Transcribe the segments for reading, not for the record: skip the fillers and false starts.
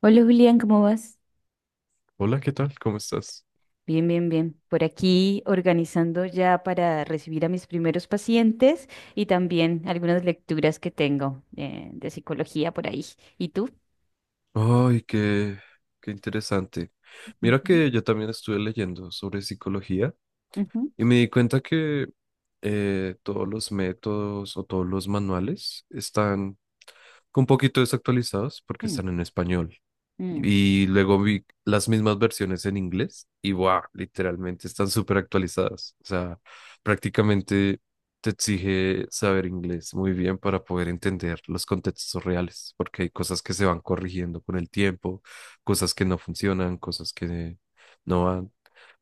Hola, Julián, ¿cómo vas? Hola, ¿qué tal? ¿Cómo estás? Bien, bien, bien. Por aquí organizando ya para recibir a mis primeros pacientes y también algunas lecturas que tengo, de psicología por ahí. ¿Y tú? Ay, qué interesante. Mira Ujú, que yo también estuve leyendo sobre psicología ujú. y me di cuenta que todos los métodos o todos los manuales están un poquito desactualizados porque mm, están en español. mm. Y luego vi las mismas versiones en inglés y wow, literalmente están súper actualizadas. O sea, prácticamente te exige saber inglés muy bien para poder entender los contextos reales, porque hay cosas que se van corrigiendo con el tiempo, cosas que no funcionan, cosas que no van.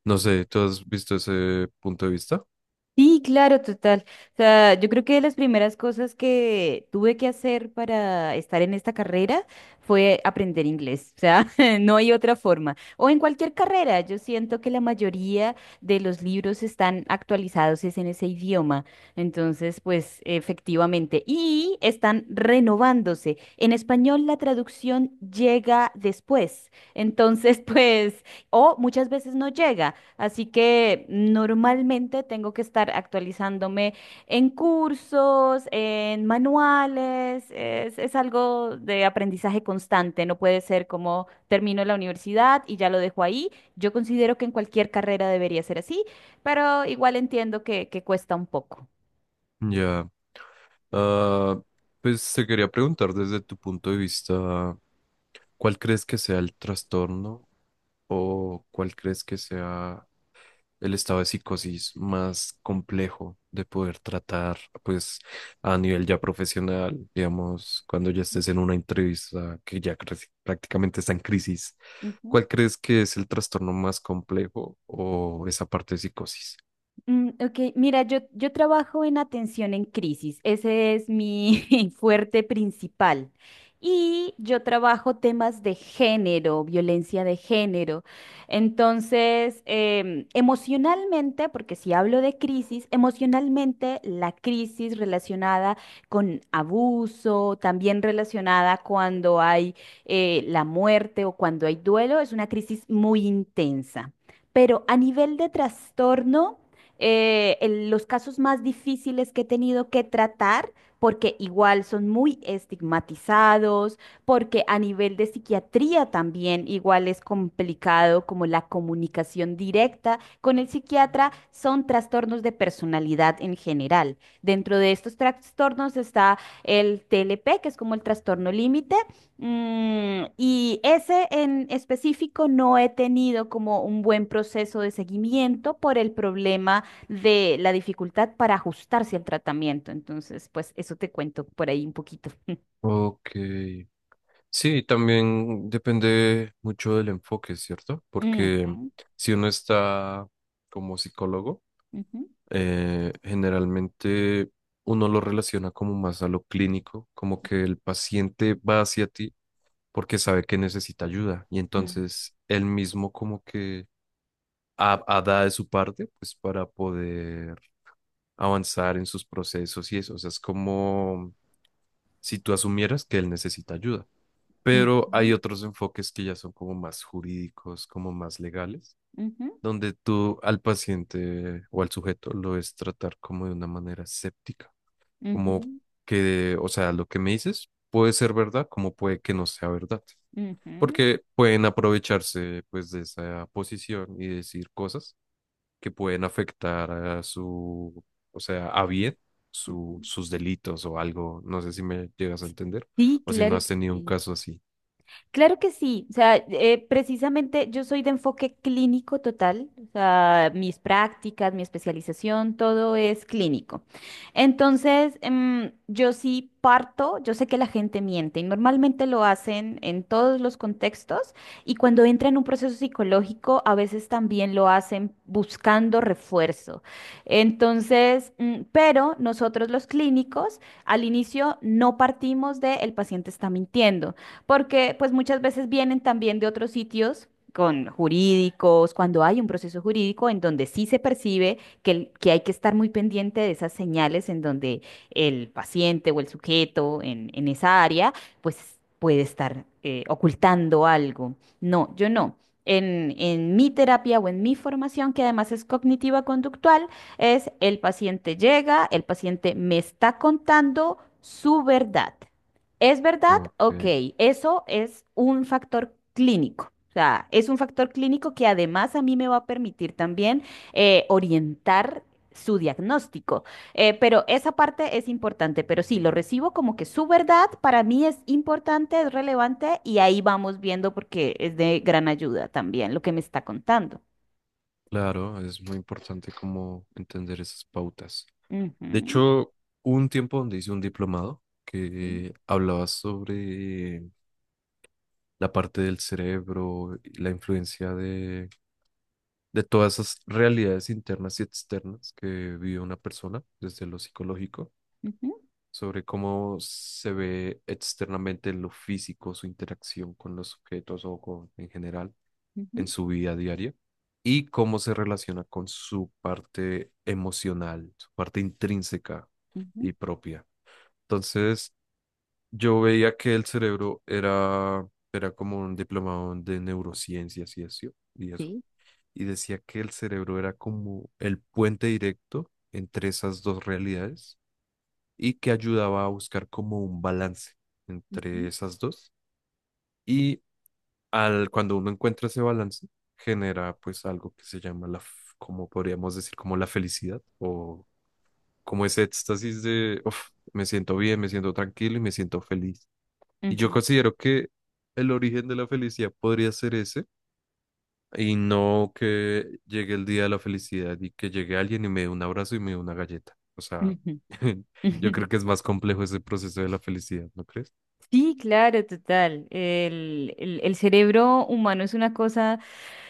No sé, ¿tú has visto ese punto de vista? Sí, claro, total. O sea, yo creo que de las primeras cosas que tuve que hacer para estar en esta carrera fue aprender inglés. O sea, no hay otra forma. O en cualquier carrera, yo siento que la mayoría de los libros están actualizados es en ese idioma. Entonces, pues efectivamente. Y están renovándose. En español la traducción llega después. Entonces, pues, o muchas veces no llega. Así que normalmente tengo que estar actualizándome en cursos, en manuales, es algo de aprendizaje constante, no puede ser como termino la universidad y ya lo dejo ahí. Yo considero que en cualquier carrera debería ser así, pero igual entiendo que cuesta un poco. Ya. Ah, pues te quería preguntar desde tu punto de vista, ¿cuál crees que sea el trastorno? O cuál crees que sea el estado de psicosis más complejo de poder tratar, pues a nivel ya profesional, digamos, ¿cuando ya estés en una entrevista que ya prácticamente está en crisis? Ujú. ¿Cuál crees que es el trastorno más complejo o esa parte de psicosis? Ok, mira, yo trabajo en atención en crisis, ese es mi fuerte principal. Y yo trabajo temas de género, violencia de género. Entonces, emocionalmente, porque si hablo de crisis, emocionalmente la crisis relacionada con abuso, también relacionada cuando hay la muerte o cuando hay duelo, es una crisis muy intensa. Pero a nivel de trastorno, los casos más difíciles que he tenido que tratar, porque igual son muy estigmatizados, porque a nivel de psiquiatría también igual es complicado como la comunicación directa con el psiquiatra, son trastornos de personalidad en general. Dentro de estos trastornos está el TLP, que es como el trastorno límite. Y ese en específico no he tenido como un buen proceso de seguimiento por el problema de la dificultad para ajustarse al tratamiento. Entonces, pues eso te cuento por ahí un poquito. Ok. Sí, también depende mucho del enfoque, ¿cierto? Porque Ujú, si uno está como psicólogo, ujú, generalmente uno lo relaciona como más a lo clínico, como que el paciente va hacia ti porque sabe que necesita ayuda y mm, entonces él mismo como que ha da de su parte pues para poder avanzar en sus procesos y eso, o sea, es como si tú asumieras que él necesita ayuda. Pero hay ujú, otros enfoques que ya son como más jurídicos, como más legales, ujú, donde tú al paciente o al sujeto lo es tratar como de una manera escéptica como ujú, que, o sea, lo que me dices puede ser verdad, como puede que no sea verdad, ujú, porque pueden aprovecharse pues de esa posición y decir cosas que pueden afectar a su, o sea, a bien ujú. sus delitos o algo, no sé si me llegas a entender Sí, o si no claro has que tenido un sí. caso así. Claro que sí, o sea, precisamente yo soy de enfoque clínico total, o sea, mis prácticas, mi especialización, todo es clínico. Entonces, yo sí parto, yo sé que la gente miente y normalmente lo hacen en todos los contextos y cuando entra en un proceso psicológico, a veces también lo hacen buscando refuerzo. Entonces, pero nosotros los clínicos al inicio no partimos de el paciente está mintiendo, porque pues muchas veces vienen también de otros sitios con jurídicos, cuando hay un proceso jurídico en donde sí se percibe que hay que estar muy pendiente de esas señales en donde el paciente o el sujeto en esa área pues puede estar ocultando algo. No, yo no. En mi terapia o en mi formación, que además es cognitiva conductual, es el paciente llega, el paciente me está contando su verdad. ¿Es verdad? Ok, Ok, eso es un factor clínico. O sea, es un factor clínico que además a mí me va a permitir también orientar su diagnóstico. Pero esa parte es importante, pero sí, lo recibo como que su verdad para mí es importante, es relevante y ahí vamos viendo porque es de gran ayuda también lo que me está contando. claro, es muy importante como entender esas pautas. De Ujú, hecho, hubo un tiempo donde hice un diplomado sí, que hablaba sobre la parte del cerebro, y la influencia de todas esas realidades internas y externas que vive una persona desde lo psicológico, ujú, sobre cómo se ve externamente en lo físico, su interacción con los objetos o con, en general en ujú, su vida diaria y cómo se relaciona con su parte emocional, su parte intrínseca ujú, y propia. Entonces, yo veía que el cerebro era como un diplomado de neurociencias y eso. sí, Y decía que el cerebro era como el puente directo entre esas dos realidades y que ayudaba a buscar como un balance entre ujú, esas dos. Y cuando uno encuentra ese balance, genera pues algo que se llama como podríamos decir, como la felicidad o como ese éxtasis de, "Uf, me siento bien, me siento tranquilo y me siento feliz". Y yo ujú, considero que el origen de la felicidad podría ser ese, y no que llegue el día de la felicidad y que llegue alguien y me dé un abrazo y me dé una galleta. O sea, ujú, ujú. yo creo que es más complejo ese proceso de la felicidad, ¿no crees? Sí, claro, total. El cerebro humano es una cosa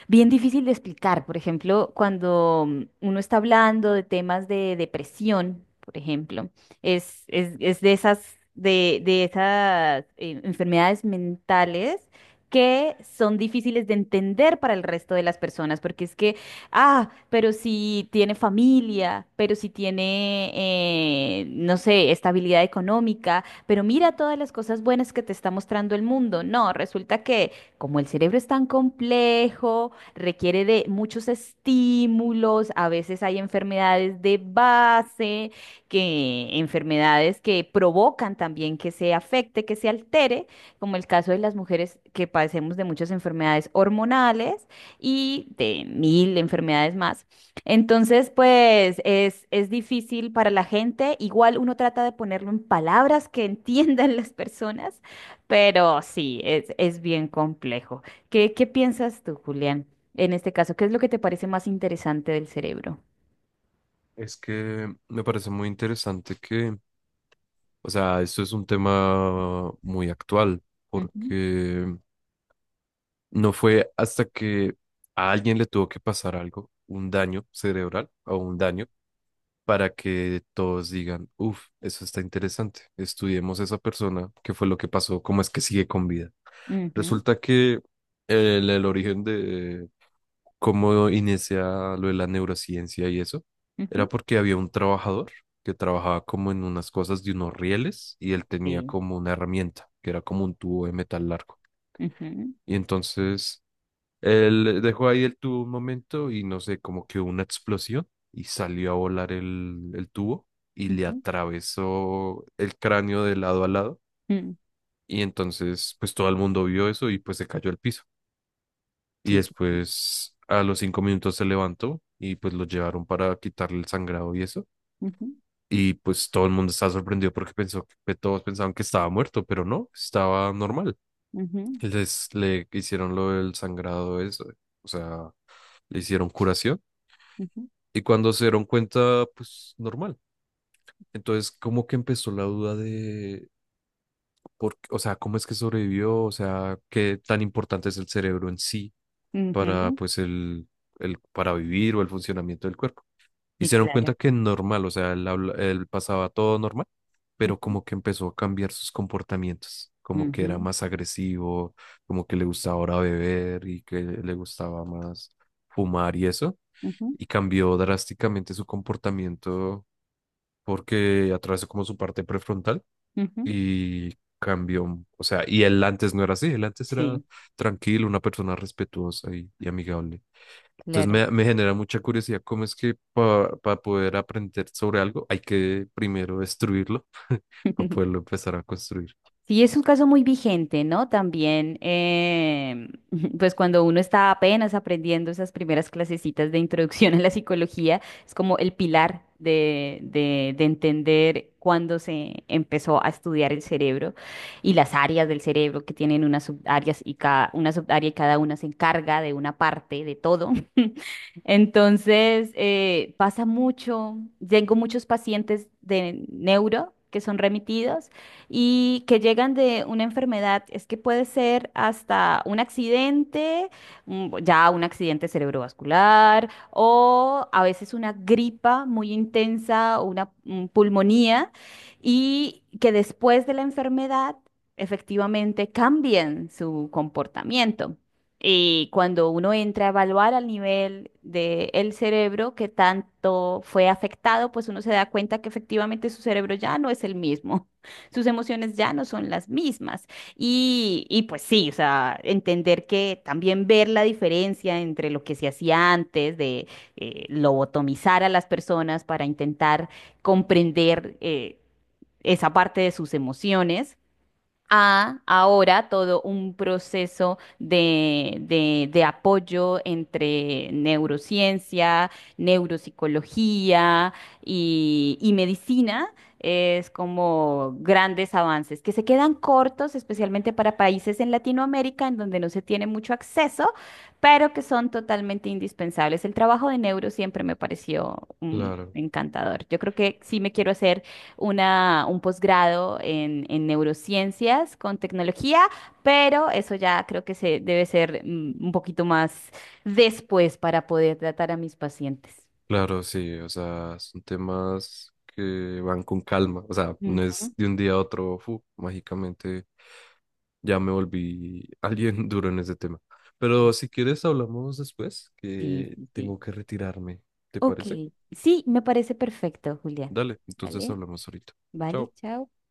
bien difícil de explicar. Por ejemplo, cuando uno está hablando de temas de depresión, por ejemplo, es de de esas enfermedades mentales que son difíciles de entender para el resto de las personas, porque es que, ah, pero si tiene familia, pero si tiene, no sé, estabilidad económica, pero mira todas las cosas buenas que te está mostrando el mundo. No, resulta que como el cerebro es tan complejo, requiere de muchos estímulos, a veces hay enfermedades de base, que enfermedades que provocan también que se afecte, que se altere, como el caso de las mujeres que padecemos de muchas enfermedades hormonales y de mil enfermedades más. Entonces, pues es difícil para la gente. Igual uno trata de ponerlo en palabras que entiendan las personas, pero sí, es bien complejo. ¿Qué piensas tú, Julián, en este caso? ¿Qué es lo que te parece más interesante del cerebro? Es que me parece muy interesante que, o sea, esto es un tema muy actual, Ujú, porque no fue hasta que a alguien le tuvo que pasar algo, un daño cerebral o un daño para que todos digan, uff, eso está interesante, estudiemos a esa persona, qué fue lo que pasó, cómo es que sigue con vida. ujú, Resulta que el origen de cómo inicia lo de la neurociencia y eso, era ujú, porque había un trabajador que trabajaba como en unas cosas de unos rieles y él tenía sí, como una herramienta, que era como un tubo de metal largo. ujú, Y entonces él dejó ahí el tubo un momento y no sé, como que hubo una explosión y salió a volar el tubo y le ujú, atravesó el cráneo de lado a lado. mm, Y entonces, pues todo el mundo vio eso y pues se cayó al piso. Y sí, sí, después, a los 5 minutos se levantó y pues lo llevaron para quitarle el sangrado y eso. ujú, Y pues todo el mundo estaba sorprendido porque pensó que pues, todos pensaban que estaba muerto, pero no, estaba normal. ujú, Les le hicieron lo del sangrado, eso, o sea, le hicieron curación. ujú, Y cuando se dieron cuenta, pues normal. Entonces, como que empezó la duda de, o sea, cómo es que sobrevivió, o sea, qué tan importante es el cerebro en sí para, ujú, pues, el, para vivir o el funcionamiento del cuerpo. Y sí, se dieron claro, cuenta que normal, o sea, él pasaba todo normal, pero ujú, como que empezó a cambiar sus comportamientos, como que era ujú, más agresivo, como que le gustaba ahora beber y que le gustaba más fumar y eso ujú, y cambió drásticamente su comportamiento porque atravesó como su parte prefrontal ujú, y cambió, o sea, y él antes no era así, él antes era sí, tranquilo, una persona respetuosa y amigable. Entonces claro. me genera mucha curiosidad cómo es que para poder aprender sobre algo hay que primero destruirlo para poderlo empezar a construir. Sí, es un caso muy vigente, ¿no? También, pues cuando uno está apenas aprendiendo esas primeras clasecitas de introducción a la psicología, es como el pilar de entender cuándo se empezó a estudiar el cerebro y las áreas del cerebro que tienen unas subáreas y cada, una subárea y cada una se encarga de una parte de todo. Entonces, pasa mucho, tengo muchos pacientes de neuro que son remitidos y que llegan de una enfermedad, es que puede ser hasta un accidente, ya un accidente cerebrovascular o a veces una gripa muy intensa o una pulmonía, y que después de la enfermedad efectivamente cambien su comportamiento. Y cuando uno entra a evaluar al nivel del cerebro que tanto fue afectado, pues uno se da cuenta que efectivamente su cerebro ya no es el mismo, sus emociones ya no son las mismas. Y pues sí, o sea, entender que también ver la diferencia entre lo que se hacía antes de lobotomizar a las personas para intentar comprender, esa parte de sus emociones a ahora todo un proceso de apoyo entre neurociencia, neuropsicología y medicina. Es como grandes avances que se quedan cortos, especialmente para países en Latinoamérica en donde no se tiene mucho acceso, pero que son totalmente indispensables. El trabajo de neuro siempre me pareció, Claro, encantador. Yo creo que sí me quiero hacer un posgrado en neurociencias con tecnología, pero eso ya creo que se debe ser, un poquito más después, para poder tratar a mis pacientes. claro, sí, o sea, son temas que van con calma, o sea, no Ujú. es de un día a otro, fu, mágicamente ya me volví alguien duro en ese tema. Pero si quieres, hablamos después, Sí, que sí, sí. tengo que retirarme. ¿Te Ok, parece? sí, me parece perfecto, Julián. Dale, entonces ¿Vale? hablamos ahorita. ¿Vale? Chao. Chao.